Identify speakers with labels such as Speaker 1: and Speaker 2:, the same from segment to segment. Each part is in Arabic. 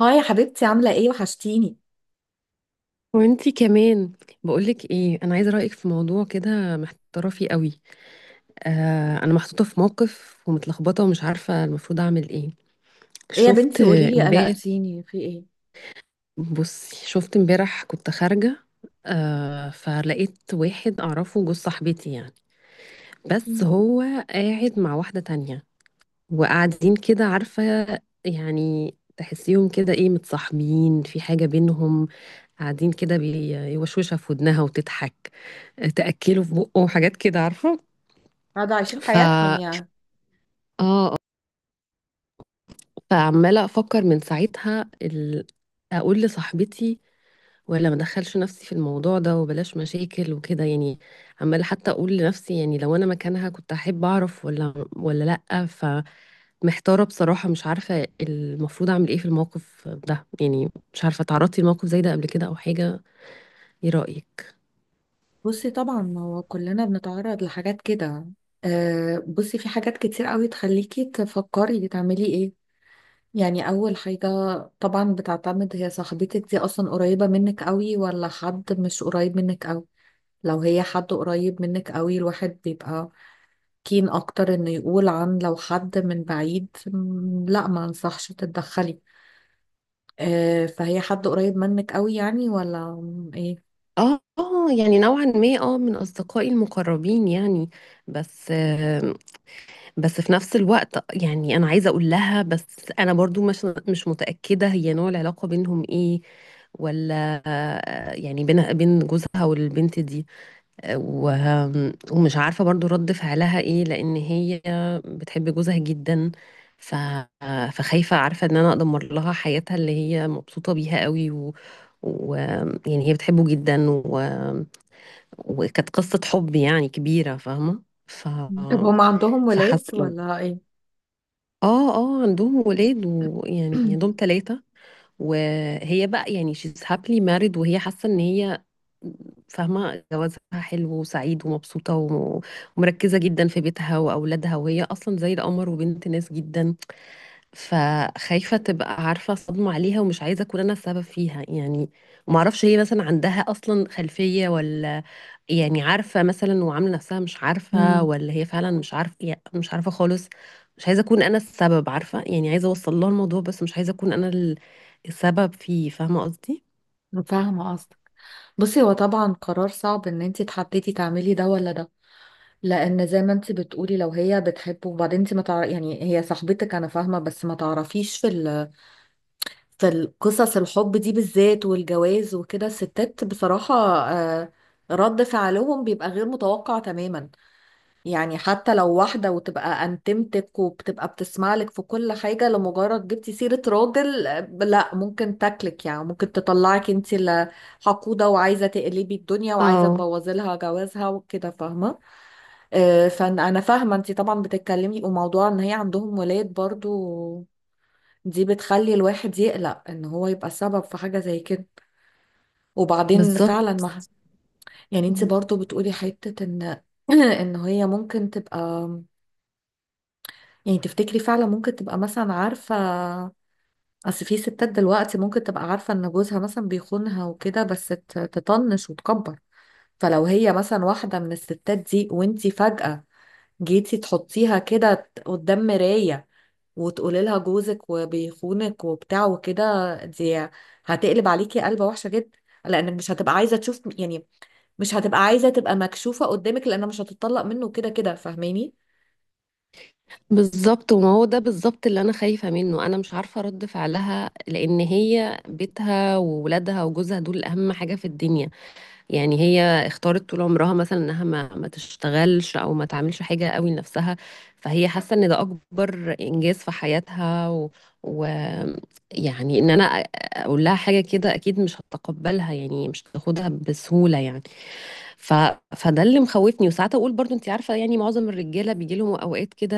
Speaker 1: هاي يا حبيبتي، عاملة ايه؟ وحشتيني.
Speaker 2: وانتي كمان. بقولك ايه، انا عايزه رايك في موضوع كده محتاره فيه قوي. آه انا محطوطه في موقف ومتلخبطه ومش عارفه المفروض اعمل ايه.
Speaker 1: ايه يا
Speaker 2: شفت
Speaker 1: بنتي، قوليلي،
Speaker 2: امبارح
Speaker 1: قلقتيني، في ايه؟
Speaker 2: بصي شفت امبارح كنت خارجه. آه فلقيت واحد اعرفه جوز صاحبتي يعني. بس
Speaker 1: مم.
Speaker 2: هو قاعد مع واحده تانية وقاعدين كده عارفه. يعني تحسيهم كده ايه، متصاحبين في حاجه بينهم. قاعدين كده بيوشوشها في ودنها وتضحك، تأكله في بقه وحاجات كده عارفة.
Speaker 1: قاعدة عايشين
Speaker 2: ف
Speaker 1: حياتهم يعني.
Speaker 2: آه. فعمالة أفكر من ساعتها أقول لصاحبتي، ولا ما أدخلش نفسي في الموضوع ده وبلاش مشاكل وكده يعني. عمالة حتى أقول لنفسي، يعني لو أنا مكانها كنت أحب أعرف ولا لأ. فمحتارة بصراحة، مش عارفة المفروض أعمل إيه في الموقف ده يعني. مش عارفة، تعرضتي لموقف زي ده قبل كده أو حاجة؟ إيه رأيك؟
Speaker 1: بصي، طبعا ما هو كلنا بنتعرض لحاجات كده. آه، بصي، في حاجات كتير قوي تخليكي تفكري تعملي ايه. يعني اول حاجة، طبعا بتعتمد، هي صاحبتك دي اصلا قريبة منك قوي ولا حد مش قريب منك قوي؟ لو هي حد قريب منك قوي، الواحد بيبقى كين اكتر انه يقول. عن لو حد من بعيد، لا، ما انصحش تتدخلي. آه، فهي حد قريب منك قوي يعني ولا ايه؟
Speaker 2: يعني نوعا ما، من اصدقائي المقربين يعني. بس بس في نفس الوقت يعني انا عايزه اقول لها. بس انا برضو مش متاكده هي نوع العلاقه بينهم ايه، ولا يعني بين بين جوزها والبنت دي. و- ومش عارفه برضو رد فعلها ايه، لان هي بتحب جوزها جدا. ف فخايفه عارفه ان انا ادمر لها حياتها اللي هي مبسوطه بيها قوي، و... و يعني هي بتحبه جدا، وكانت قصه حب يعني كبيره فاهمه.
Speaker 1: طب هم عندهم ولاد
Speaker 2: فحاسه.
Speaker 1: ولا ايه؟
Speaker 2: اه اه، عندهم ولاد، ويعني عندهم ثلاثة. وهي بقى يعني she's happily married، وهي حاسة ان هي فاهمة جوازها حلو وسعيد ومبسوطة، ومركزة جدا في بيتها وأولادها. وهي أصلا زي القمر وبنت ناس جدا. فخايفة تبقى عارفة صدمة عليها، ومش عايزة أكون أنا السبب فيها يعني. معرفش هي مثلا عندها أصلا خلفية، ولا يعني عارفة مثلا وعاملة نفسها مش عارفة،
Speaker 1: مم،
Speaker 2: ولا هي فعلا مش عارفة يعني، مش عارفة خالص. مش عايزة أكون أنا السبب عارفة يعني، عايزة أوصل لها الموضوع بس مش عايزة أكون أنا السبب فيه، فاهمة قصدي؟
Speaker 1: فاهمة قصدك. بصي، هو طبعا قرار صعب ان انت تحددي تعملي ده ولا ده. لان زي ما انت بتقولي، لو هي بتحبه، وبعدين انت ما تعرف، يعني هي صاحبتك، انا فاهمة، بس ما تعرفيش في في القصص الحب دي بالذات، والجواز وكده، الستات بصراحة، آه، رد فعلهم بيبقى غير متوقع تماما. يعني حتى لو واحدة وتبقى انتمتك وبتبقى بتسمع لك في كل حاجة، لمجرد جبتي سيرة راجل، آه، لا، ممكن تاكلك، يعني ممكن تطلعك انت اللي حقودة، وعايزة تقلبي الدنيا، وعايزة
Speaker 2: اه،
Speaker 1: تبوظي لها جوازها وكده، فاهمة؟ آه، فانا فاهمة، انت طبعا بتتكلمي، وموضوع ان هي عندهم ولاد برضو، دي بتخلي الواحد يقلق ان هو يبقى سبب في حاجة زي كده. وبعدين فعلا،
Speaker 2: بالظبط.
Speaker 1: ما يعني، انت برضو بتقولي حتة ان ان هي ممكن تبقى، يعني تفتكري فعلا ممكن تبقى مثلا، عارفة، أصل في ستات دلوقتي ممكن تبقى عارفة إن جوزها مثلا بيخونها وكده، بس تطنش وتكبر. فلو هي مثلا واحدة من الستات دي وانتي فجأة جيتي تحطيها كده قدام مراية، وتقولي لها جوزك وبيخونك وبتاع وكده، دي هتقلب عليكي قلبة وحشة جدا. لأنك مش هتبقى عايزة تشوف، يعني مش هتبقى عايزة تبقى مكشوفة قدامك، لأنها مش هتطلق منه كده كده، فاهماني؟
Speaker 2: بالظبط، وما هو ده بالظبط اللي انا خايفه منه. انا مش عارفه رد فعلها، لان هي بيتها وولادها وجوزها دول اهم حاجه في الدنيا. يعني هي اختارت طول عمرها مثلا انها ما تشتغلش او ما تعملش حاجه قوي لنفسها. فهي حاسه ان ده اكبر انجاز في حياتها، و... يعني ان انا اقول لها حاجه كده اكيد مش هتقبلها يعني، مش هتاخدها بسهوله يعني. ف... فده اللي مخوفني. وساعات اقول برضو، انت عارفه، يعني معظم الرجاله بيجي لهم اوقات كده،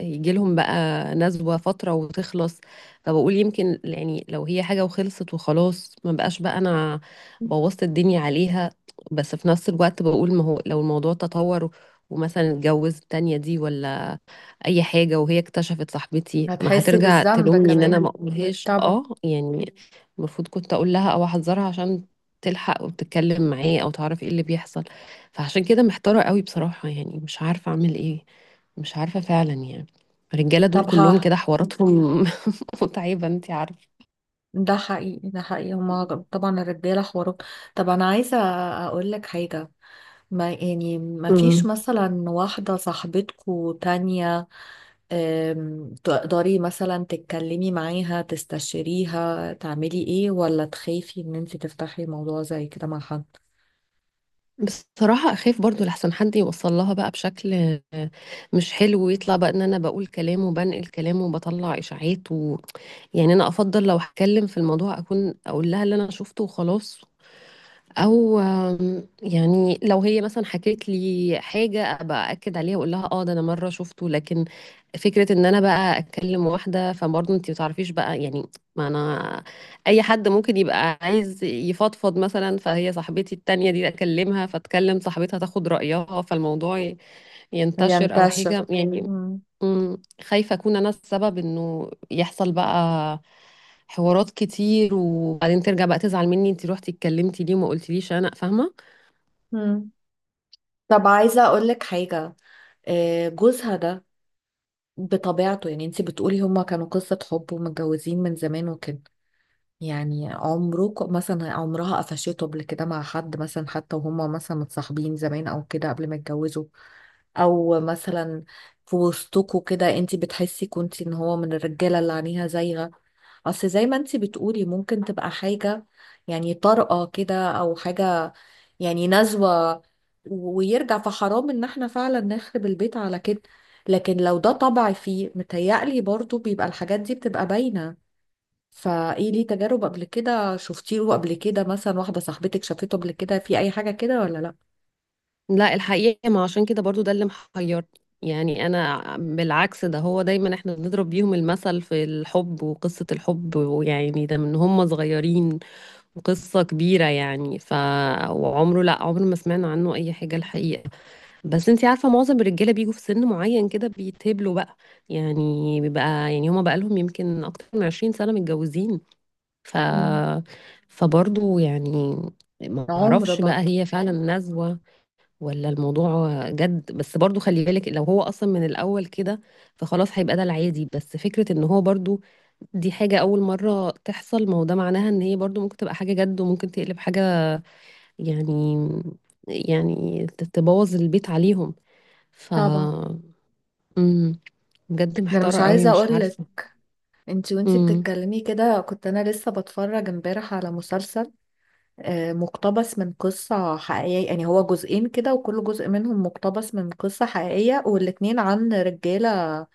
Speaker 2: يجي لهم بقى نزوه فتره وتخلص. فبقول يمكن يعني لو هي حاجه وخلصت وخلاص، ما بقاش بقى انا بوظت الدنيا عليها. بس في نفس الوقت بقول، ما هو لو الموضوع تطور ومثلا اتجوز التانية دي، ولا اي حاجه وهي اكتشفت صاحبتي، ما
Speaker 1: هتحسي
Speaker 2: هترجع
Speaker 1: بالذنب
Speaker 2: تلومني ان انا
Speaker 1: كمان.
Speaker 2: ما اقولهاش،
Speaker 1: طبعا.
Speaker 2: اه يعني. المفروض كنت اقول لها او احذرها عشان تلحق وتتكلم معاه او تعرف ايه اللي بيحصل. فعشان كده محتاره قوي بصراحه، يعني مش عارفه اعمل ايه. مش عارفه فعلا يعني. الرجاله دول
Speaker 1: طب
Speaker 2: كلهم
Speaker 1: ها،
Speaker 2: كده حواراتهم، متعبه انت عارفه.
Speaker 1: ده حقيقي، ده حقيقي، هما طبعا الرجالة حوارهم. طب أنا عايزة أقول لك حاجة، ما يعني ما فيش
Speaker 2: امم
Speaker 1: مثلا واحدة صاحبتكو تانية، تقدري مثلا تتكلمي معاها، تستشيريها تعملي ايه، ولا تخافي ان انت تفتحي موضوع زي كده مع حد
Speaker 2: بصراحة أخاف برضو لحسن حد يوصل لها بقى بشكل مش حلو، ويطلع بقى إن أنا بقول كلام وبنقل كلام وبطلع إشاعات. يعني انا افضل لو هتكلم في الموضوع اكون اقول لها اللي انا شفته وخلاص. او يعني لو هي مثلا حكيت لي حاجه ابقى اكد عليها واقول لها، اه ده انا مره شفته. لكن فكره ان انا بقى اتكلم واحده فبرضه انت ما تعرفيش بقى يعني، ما انا اي حد ممكن يبقى عايز يفضفض مثلا. فهي صاحبتي التانية دي اكلمها، فتكلم صاحبتها تاخد رايها فالموضوع ينتشر او
Speaker 1: ينتشر؟
Speaker 2: حاجه يعني.
Speaker 1: مم.
Speaker 2: خايفة أكون أنا السبب إنه يحصل بقى حوارات كتير، وبعدين ترجع بقى تزعل مني، أنت روحتي اتكلمتي ليه وما قلتليش، أنا فاهمة.
Speaker 1: مم. طب عايزة أقول لك حاجة، آه، جوزها ده بطبيعته، يعني انت بتقولي هما كانوا قصة حب ومتجوزين من زمان وكده، يعني عمرك مثلا عمرها قفشته قبل كده مع حد مثلا، حتى وهما مثلا متصاحبين زمان او كده قبل ما يتجوزوا؟ او مثلا في وسطكوا كده انت بتحسي كنتي ان هو من الرجاله اللي عينيها زايغه؟ اصل زي ما انت بتقولي، ممكن تبقى حاجه يعني طارئه كده او حاجه، يعني نزوه، ويرجع، فحرام ان احنا فعلا نخرب البيت على كده. لكن لو ده طبع فيه، متهيألي برضو بيبقى الحاجات دي بتبقى باينه. فايه، ليه تجارب قبل كده شفتيه قبل كده؟ مثلا واحدة صاحبتك شافته قبل كده في اي حاجة كده ولا لا؟
Speaker 2: لا الحقيقة، ما عشان كده برضو ده اللي محيرني. يعني أنا بالعكس، ده هو دايما إحنا بنضرب بيهم المثل في الحب وقصة الحب، ويعني ده من هم صغيرين وقصة كبيرة يعني. ف، وعمره، لا عمره ما سمعنا عنه أي حاجة الحقيقة. بس انتي عارفة معظم الرجالة بيجوا في سن معين كده بيتهبلوا بقى، يعني بيبقى يعني هما بقى لهم يمكن أكتر من 20 سنة متجوزين. ف
Speaker 1: مم.
Speaker 2: فبرضه يعني ما
Speaker 1: عمر
Speaker 2: اعرفش بقى
Speaker 1: برضه.
Speaker 2: هي فعلا نزوة ولا الموضوع جد. بس برضه خلي بالك لو هو أصلا من الأول كده فخلاص هيبقى ده العادي. بس فكرة ان هو برضه دي حاجة أول مرة تحصل، ما هو ده معناها ان هي برضه ممكن تبقى حاجة جد وممكن تقلب حاجة يعني، يعني تبوظ البيت عليهم. ف
Speaker 1: طبعا،
Speaker 2: امم بجد
Speaker 1: ده انا مش
Speaker 2: محتارة قوي
Speaker 1: عايزه
Speaker 2: مش
Speaker 1: اقول لك،
Speaker 2: عارفة.
Speaker 1: انت وانت
Speaker 2: امم.
Speaker 1: بتتكلمي كده، كنت انا لسه بتفرج امبارح على مسلسل، آه، مقتبس من قصة حقيقية، يعني هو جزئين كده، وكل جزء منهم مقتبس من قصة حقيقية، والاتنين عن رجالة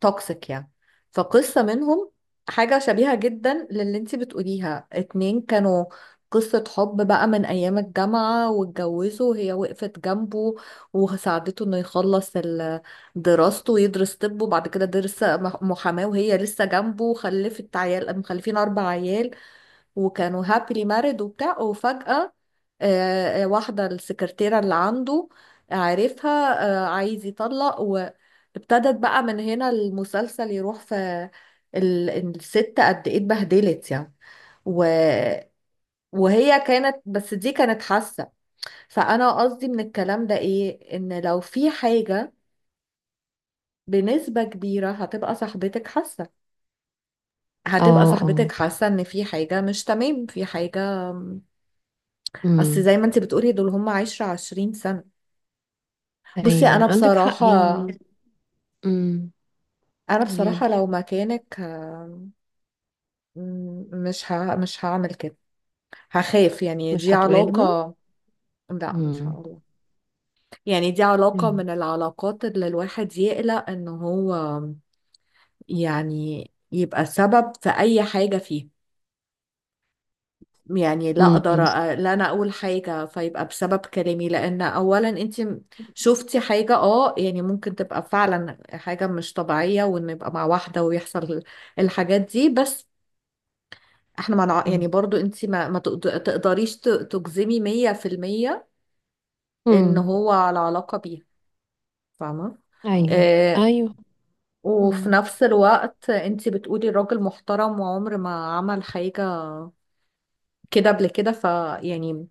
Speaker 1: توكسيك يعني. فقصة منهم حاجة شبيهة جدا للي انتي بتقوليها، اتنين كانوا قصة حب بقى من أيام الجامعة، واتجوزوا، وهي وقفت جنبه وساعدته إنه يخلص دراسته، ويدرس طب، وبعد كده درس محاماة، وهي لسه جنبه، وخلفت عيال، مخلفين 4 عيال، وكانوا هابلي مارد وبتاع، وفجأة واحدة السكرتيرة اللي عنده عارفها، عايز يطلق. وابتدت بقى من هنا المسلسل يروح في ال- الست قد ايه اتبهدلت يعني، و... وهي كانت، بس دي كانت حاسة. فأنا قصدي من الكلام ده إيه، إن لو في حاجة بنسبة كبيرة هتبقى صاحبتك حاسة هتبقى
Speaker 2: اه
Speaker 1: صاحبتك
Speaker 2: اه.
Speaker 1: حاسة إن في حاجة مش تمام، في حاجة، اصل
Speaker 2: امم.
Speaker 1: زي ما انت بتقولي دول هم 10-20 سنة. بصي
Speaker 2: ايوه
Speaker 1: انا
Speaker 2: عندك حق
Speaker 1: بصراحة
Speaker 2: يعني. امم.
Speaker 1: انا بصراحة
Speaker 2: قوليلي.
Speaker 1: لو مكانك، مش هعمل كده، هخاف، يعني دي
Speaker 2: مش هتقولي لها؟
Speaker 1: علاقة. لا، مش
Speaker 2: امم.
Speaker 1: هقول، يعني دي علاقة
Speaker 2: امم.
Speaker 1: من العلاقات اللي الواحد يقلق ان هو يعني يبقى سبب في اي حاجة فيه. يعني لا اقدر
Speaker 2: امم.
Speaker 1: لا، انا اقول حاجه فيبقى بسبب كلامي، لان اولا انت شفتي حاجه، يعني ممكن تبقى فعلا حاجه مش طبيعيه، وان يبقى مع واحده ويحصل الحاجات دي. بس احنا ما نع-
Speaker 2: أمم.
Speaker 1: يعني برضو انت ما تقدريش تجزمي 100% ان
Speaker 2: أمم.
Speaker 1: هو على علاقه بيها، فاهمه؟
Speaker 2: ايوه
Speaker 1: آه.
Speaker 2: ايوه.
Speaker 1: وفي
Speaker 2: امم.
Speaker 1: نفس الوقت انت بتقولي الراجل محترم وعمر ما عمل حاجه كده قبل كده، فيعني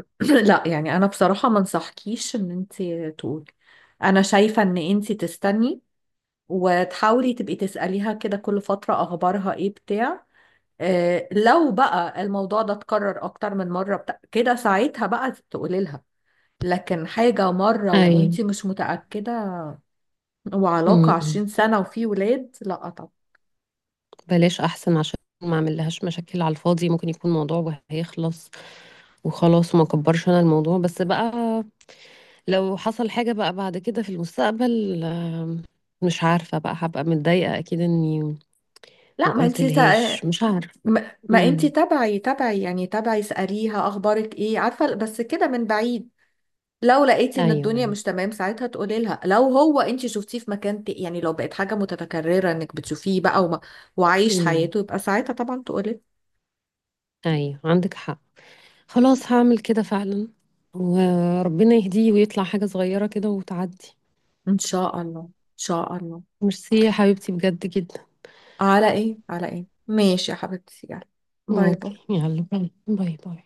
Speaker 1: لا، يعني انا بصراحة ما انصحكيش ان انت تقولي. انا شايفة ان انت تستني، وتحاولي تبقي تسأليها كده كل فترة، اخبارها ايه بتاع. آه، لو بقى الموضوع ده اتكرر اكتر من مرة بتاع كده، ساعتها بقى تقولي لها. لكن حاجة مرة
Speaker 2: ايوه.
Speaker 1: وانت مش متأكدة، وعلاقة
Speaker 2: امم. أمم.
Speaker 1: 20 سنة وفي ولاد، لا طبعا.
Speaker 2: بلاش احسن، عشان ما اعمل لهاش مشاكل على الفاضي. ممكن يكون موضوع وهيخلص وخلاص وما كبرش انا الموضوع. بس بقى لو حصل حاجة بقى بعد كده في المستقبل، مش عارفة بقى هبقى متضايقة أكيد إني ما
Speaker 1: لا ما
Speaker 2: قلت
Speaker 1: انت
Speaker 2: لهاش،
Speaker 1: تا...
Speaker 2: مش عارف.
Speaker 1: ما انت
Speaker 2: امم.
Speaker 1: تبعي اسأليها اخبارك ايه، عارفة، بس كده من بعيد. لو لقيتي ان
Speaker 2: ايوه
Speaker 1: الدنيا
Speaker 2: ايوه.
Speaker 1: مش تمام، ساعتها تقولي لها، لو هو انت شفتيه في مكان يعني لو بقت حاجه متكرره انك بتشوفيه بقى وعايش
Speaker 2: امم.
Speaker 1: حياته، يبقى ساعتها طبعا تقولي.
Speaker 2: ايوه عندك حق.
Speaker 1: مم.
Speaker 2: خلاص هعمل كده فعلا، وربنا يهديه ويطلع حاجة صغيرة كده وتعدي.
Speaker 1: ان شاء الله، ان شاء الله.
Speaker 2: ميرسي يا حبيبتي بجد جدا.
Speaker 1: على ايه، على ايه، ماشي يا حبيبتي، يلا، باي
Speaker 2: اوكي
Speaker 1: باي.
Speaker 2: يلا، باي باي باي.